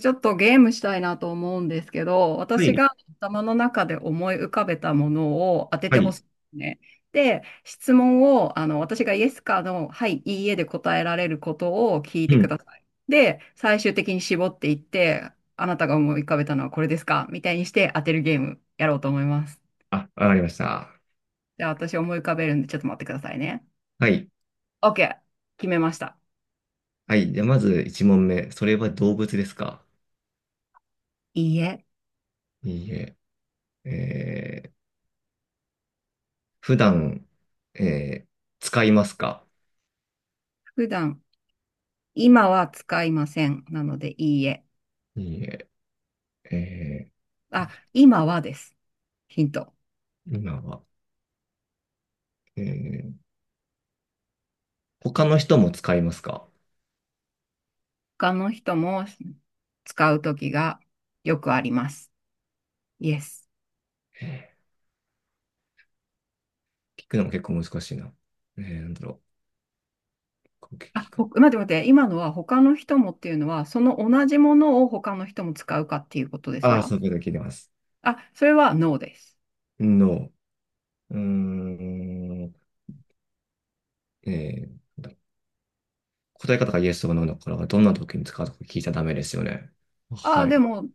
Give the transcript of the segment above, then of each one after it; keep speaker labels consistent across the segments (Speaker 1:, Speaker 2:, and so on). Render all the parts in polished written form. Speaker 1: ちょっとゲームしたいなと思うんですけど、
Speaker 2: は
Speaker 1: 私
Speaker 2: い。
Speaker 1: が頭の中で思い浮かべたものを当てて
Speaker 2: は
Speaker 1: ほ
Speaker 2: い。
Speaker 1: しいんですね。で、質問を、私がイエスかの、はい、いいえで答えられることを聞いて
Speaker 2: う
Speaker 1: く
Speaker 2: ん。
Speaker 1: ださい。で、最終的に絞っていって、あなたが思い浮かべたのはこれですかみたいにして当てるゲームやろうと思います。
Speaker 2: あ、わかりました。
Speaker 1: じゃあ私思い浮かべるんでちょっと待ってくださいね。
Speaker 2: はい。
Speaker 1: OK。決めました。
Speaker 2: はい。じゃあ、まず1問目。それは動物ですか？
Speaker 1: いいえ。
Speaker 2: いいえ。えー、普段、えー、使いますか？
Speaker 1: 普段、今は使いません。なので、いいえ。
Speaker 2: いいえ。え
Speaker 1: あ、今はです。ヒント。
Speaker 2: 今は、えー、他の人も使いますか？
Speaker 1: 他の人も使うときがよくあります。イエス。
Speaker 2: え聞くのも結構難しいな。なんだろう。こう
Speaker 1: あ、
Speaker 2: 聞く。
Speaker 1: 待って待って。今のは他の人もっていうのは、その同じものを他の人も使うかっていうことです
Speaker 2: ああ、
Speaker 1: か？
Speaker 2: そういうこと聞いてます。
Speaker 1: あ、それはノーです。
Speaker 2: No。 うーん。なんだろう、答え方がイエスとかノーだから、どんな時に使うとか聞いちゃダメですよね。
Speaker 1: あ、
Speaker 2: はい。
Speaker 1: で
Speaker 2: う
Speaker 1: も、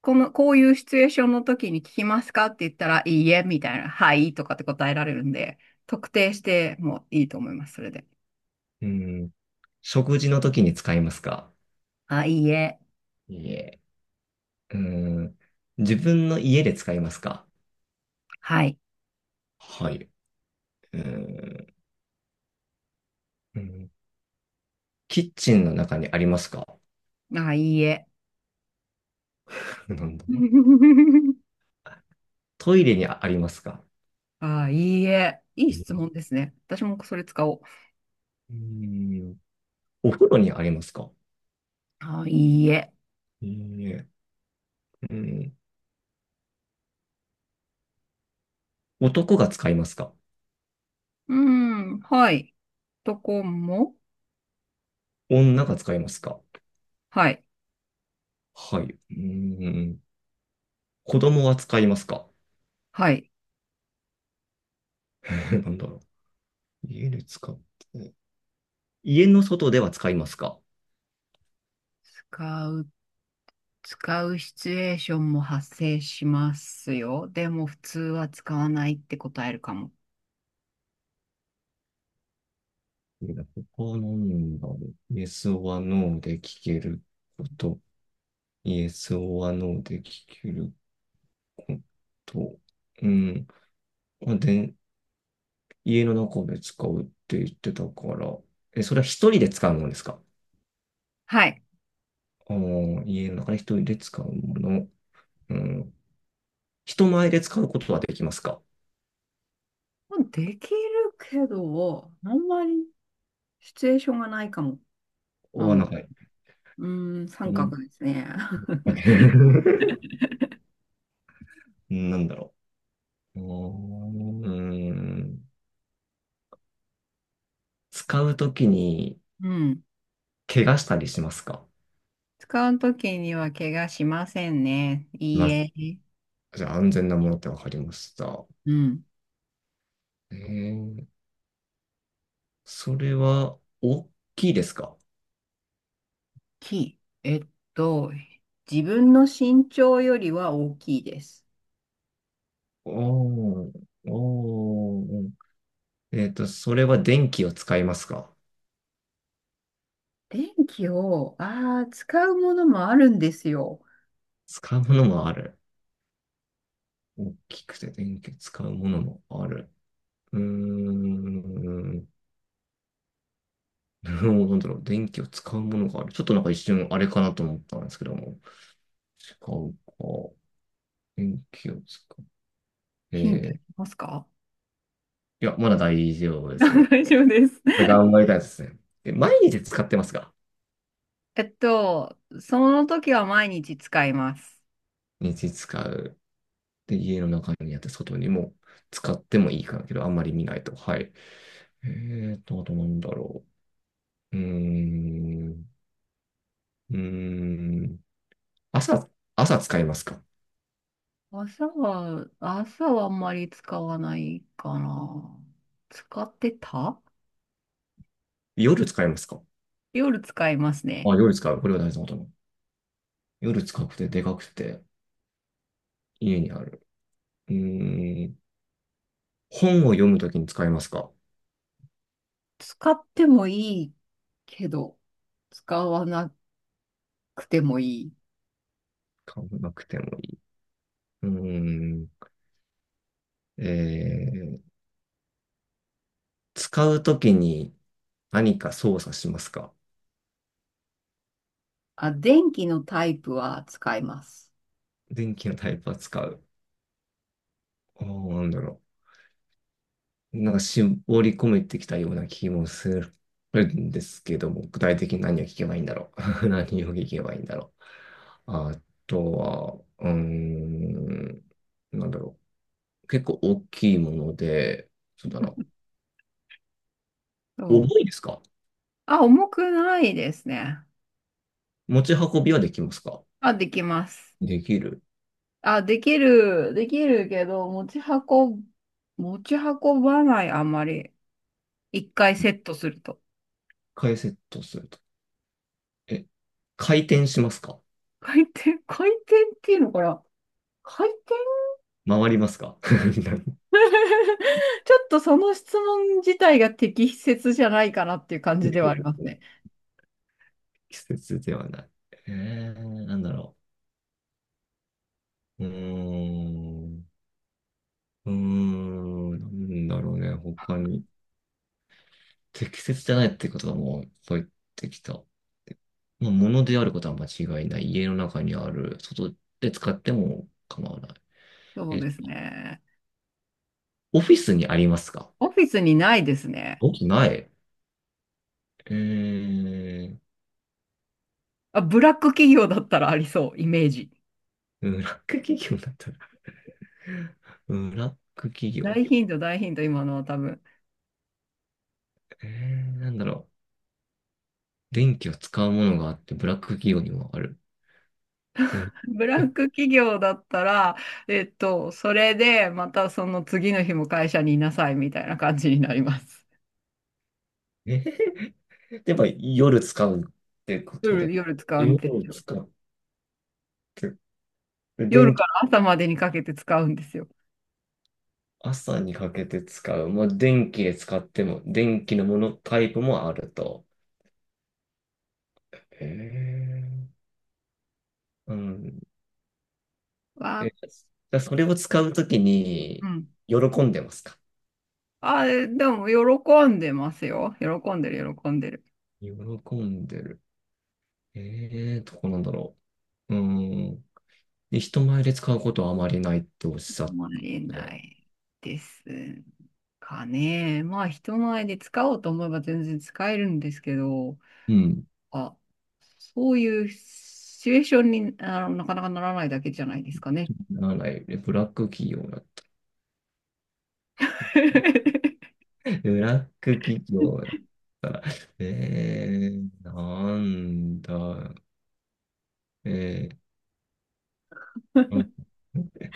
Speaker 1: この、こういうシチュエーションの時に聞きますかって言ったら、いいえ、みたいな、はい、とかって答えられるんで、特定してもいいと思います、それで。
Speaker 2: ーん。食事の時に使いますか？
Speaker 1: あ、いいえ、
Speaker 2: いえ。ううん。自分の家で使いますか？
Speaker 1: はい。
Speaker 2: はい。うーん、うん、キッチンの中にありますか？
Speaker 1: あ、いいえ。
Speaker 2: なんだ、 トイレにありますか？
Speaker 1: あ、いいえ。いい質
Speaker 2: う
Speaker 1: 問ですね。私もそれ使おう。
Speaker 2: ーん、お風呂にありますか？
Speaker 1: あ、いいえ。
Speaker 2: いいえ。うん、男が使いますか？
Speaker 1: うん、はい。とこも、
Speaker 2: 女が使いますか？
Speaker 1: はい、
Speaker 2: はい。うーん、子供は使いますか？
Speaker 1: はい。
Speaker 2: なんだろう、家で使って。家の外では使いますか？
Speaker 1: 使う、使うシチュエーションも発生しますよ。でも、普通は使わないって答えるかも。
Speaker 2: ここなんだ、バーで Yes or No で聞けること、Yes or No で聞けること、うん、まあ、で、家の中で使うって言ってたから、え、それは一人で使うものですか？
Speaker 1: はい。
Speaker 2: あー、家の中で一人で使うもの、うん、人前で使うことはできますか？
Speaker 1: できるけど、あんまりシチュエーションがないかも。な
Speaker 2: お、な
Speaker 1: の、
Speaker 2: んか、
Speaker 1: うーん、
Speaker 2: う
Speaker 1: 三
Speaker 2: ん、
Speaker 1: 角ですね。
Speaker 2: なんだろう。おー、うーん、使うときに
Speaker 1: うん。
Speaker 2: 怪我したりしますか？
Speaker 1: 使うときには怪我しませんね。いいえ。
Speaker 2: じゃあ、安全なものってわかりました。
Speaker 1: うん。
Speaker 2: えー、それは大きいですか？
Speaker 1: きい。と、自分の身長よりは大きいです。
Speaker 2: おー、おー、それは電気を使いますか？
Speaker 1: 電気を、ああ、使うものもあるんですよ。
Speaker 2: 使うものもある。大きくて電気を使うものもある。うーん、うん、なんだろう、電気を使うものがある。ちょっとなんか一瞬あれかなと思ったんですけども。使うか。電気を使う。
Speaker 1: ヒントい
Speaker 2: い
Speaker 1: きますか？
Speaker 2: や、まだ大丈夫です ね。
Speaker 1: 大丈夫です。
Speaker 2: 頑張りたいですね。毎日使ってますか？
Speaker 1: その時は毎日使います。
Speaker 2: 日使う。で、家の中にあって外にも使ってもいいからけど、あんまり見ないと。はい。えあとなんだろう。うーん。うーん。朝、朝使いますか？
Speaker 1: 朝はあんまり使わないかな。使ってた。
Speaker 2: 夜使いますか？
Speaker 1: 夜使います
Speaker 2: あ、
Speaker 1: ね。
Speaker 2: 夜使う。これは大事なことなの。夜使くてでかくて家にある。うーん。本を読むときに使いますか？
Speaker 1: 使ってもいいけど、使わなくてもいい。
Speaker 2: 買わなくてもいい。うーん。えー、使うときに何か操作しますか？
Speaker 1: あ、電気のタイプは使います。
Speaker 2: 電気のタイプは使う。ああ、なんだろ、なんか絞り込めてきたような気もするんですけども、具体的に何を聞けばいいんだろう。何を聞けばいいんだろう。あとは、うーん、なんだろう。結構大きいもので、そうだな。
Speaker 1: そ
Speaker 2: 重いで
Speaker 1: う。
Speaker 2: すか？
Speaker 1: あ、重くないですね。
Speaker 2: 持ち運びはできますか？
Speaker 1: あ、できます。
Speaker 2: できる。
Speaker 1: あ、できる、できるけど、持ち運ぶ、持ち運ばない、あんまり。一回
Speaker 2: 一
Speaker 1: セットすると。
Speaker 2: 回セットすると。え、回転しますか？
Speaker 1: 回転っていうのかな？回転。
Speaker 2: 回りますか？
Speaker 1: ちょっとその質問自体が適切じゃないかなっていう感じではありますね。
Speaker 2: 季節ではない。なんだろう。うーん。うーん、なんだろうね、他に。適切じゃないってことはもう入ってきた。まあ、物であることは間違いない。家の中にある。外で使っても構わない。
Speaker 1: そう
Speaker 2: え、
Speaker 1: ですね。
Speaker 2: オフィスにありますか？
Speaker 1: オフィスにないですね。
Speaker 2: おない。えー、
Speaker 1: あ、ブラック企業だったらありそう、イメージ。
Speaker 2: ブラック企業だったら。 ブラック企業
Speaker 1: 大
Speaker 2: だっ
Speaker 1: ヒント、大ヒント、今のは多分。
Speaker 2: た。なんだろう。電気を使うものがあって、ブラック企業にもある。うん、
Speaker 1: ブラッ
Speaker 2: え、
Speaker 1: ク企業だったら、それで、またその次の日も会社にいなさいみたいな感じになります。
Speaker 2: えー やっぱ夜使うってこと
Speaker 1: 夜、
Speaker 2: で。
Speaker 1: 夜使うんです
Speaker 2: 夜
Speaker 1: よ。
Speaker 2: 使う。つ
Speaker 1: 夜
Speaker 2: 電
Speaker 1: か
Speaker 2: 気、
Speaker 1: ら朝までにかけて使うんですよ。
Speaker 2: 朝にかけて使う。まあ、電気で使っても、電気のものタイプもあると。へえ。うん。
Speaker 1: わ
Speaker 2: え、
Speaker 1: あ、
Speaker 2: じゃあそれを使うとき
Speaker 1: う
Speaker 2: に、
Speaker 1: ん。
Speaker 2: 喜んでますか？
Speaker 1: あ、えでも、喜んでますよ。喜んでる、喜んでる。
Speaker 2: 喜んでる。ええ、どこなんだろう。うん。で、人前で使うことはあまりないっておっしゃっ
Speaker 1: もらえ
Speaker 2: た
Speaker 1: な
Speaker 2: ね。
Speaker 1: いですかね。まあ、人前で使おうと思えば全然使えるんですけど、
Speaker 2: うん。
Speaker 1: あ、そういうシチュエーションになかなかならないだけじゃないですかね。
Speaker 2: ならない。えブラック企業だ。ブラック企業だったら。ええ、なんだ。え、うん。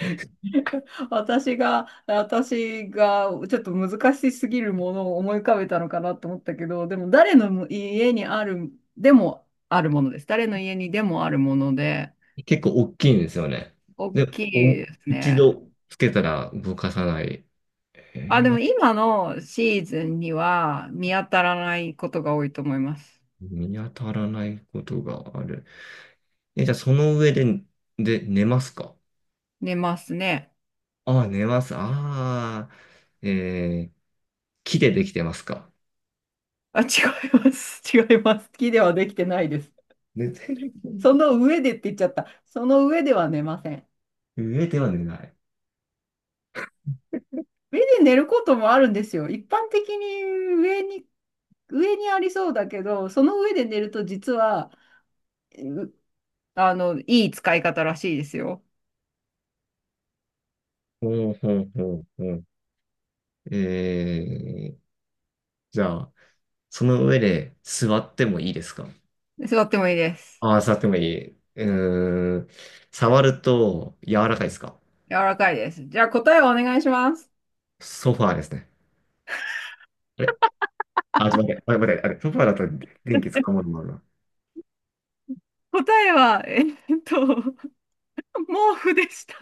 Speaker 1: 私がちょっと難しすぎるものを思い浮かべたのかなと思ったけど、でも誰の家にある、でもあるものです。誰の家にでもあるもので、
Speaker 2: 結構大きいんですよね。
Speaker 1: 大
Speaker 2: で、
Speaker 1: きい
Speaker 2: お、
Speaker 1: です
Speaker 2: 一
Speaker 1: ね。
Speaker 2: 度つけたら動かさない。
Speaker 1: あ、で
Speaker 2: な
Speaker 1: も
Speaker 2: んか
Speaker 1: 今のシーズンには見当たらないことが多いと思います。
Speaker 2: 見当たらないことがある。え、じゃあその上で、で、寝ますか？
Speaker 1: 寝ますね。
Speaker 2: ああ、寝ます。ああ、えー、木でできてますか？
Speaker 1: あ、違います。違います。好きではできてないです。
Speaker 2: 寝てる、
Speaker 1: その上でって言っちゃった。その上では寝ません。
Speaker 2: 上では寝ない。
Speaker 1: 上で寝ることもあるんですよ。一般的に上にありそうだけど、その上で寝ると実は、うあの、いい使い方らしいですよ。
Speaker 2: ほうほうほうほう。えー、じゃあ、その上で座ってもいいですか？
Speaker 1: 座ってもいいです。
Speaker 2: ああ、触ってもいい。うーん。触ると柔らかいですか？
Speaker 1: 柔らかいです。じゃあ答えをお願いします。
Speaker 2: ソファーですね。あれ、あ、ちょっと待って、あれ、待って、あれ、ソファーだと電気使うものもあるな。
Speaker 1: 答えは、と、毛布でした。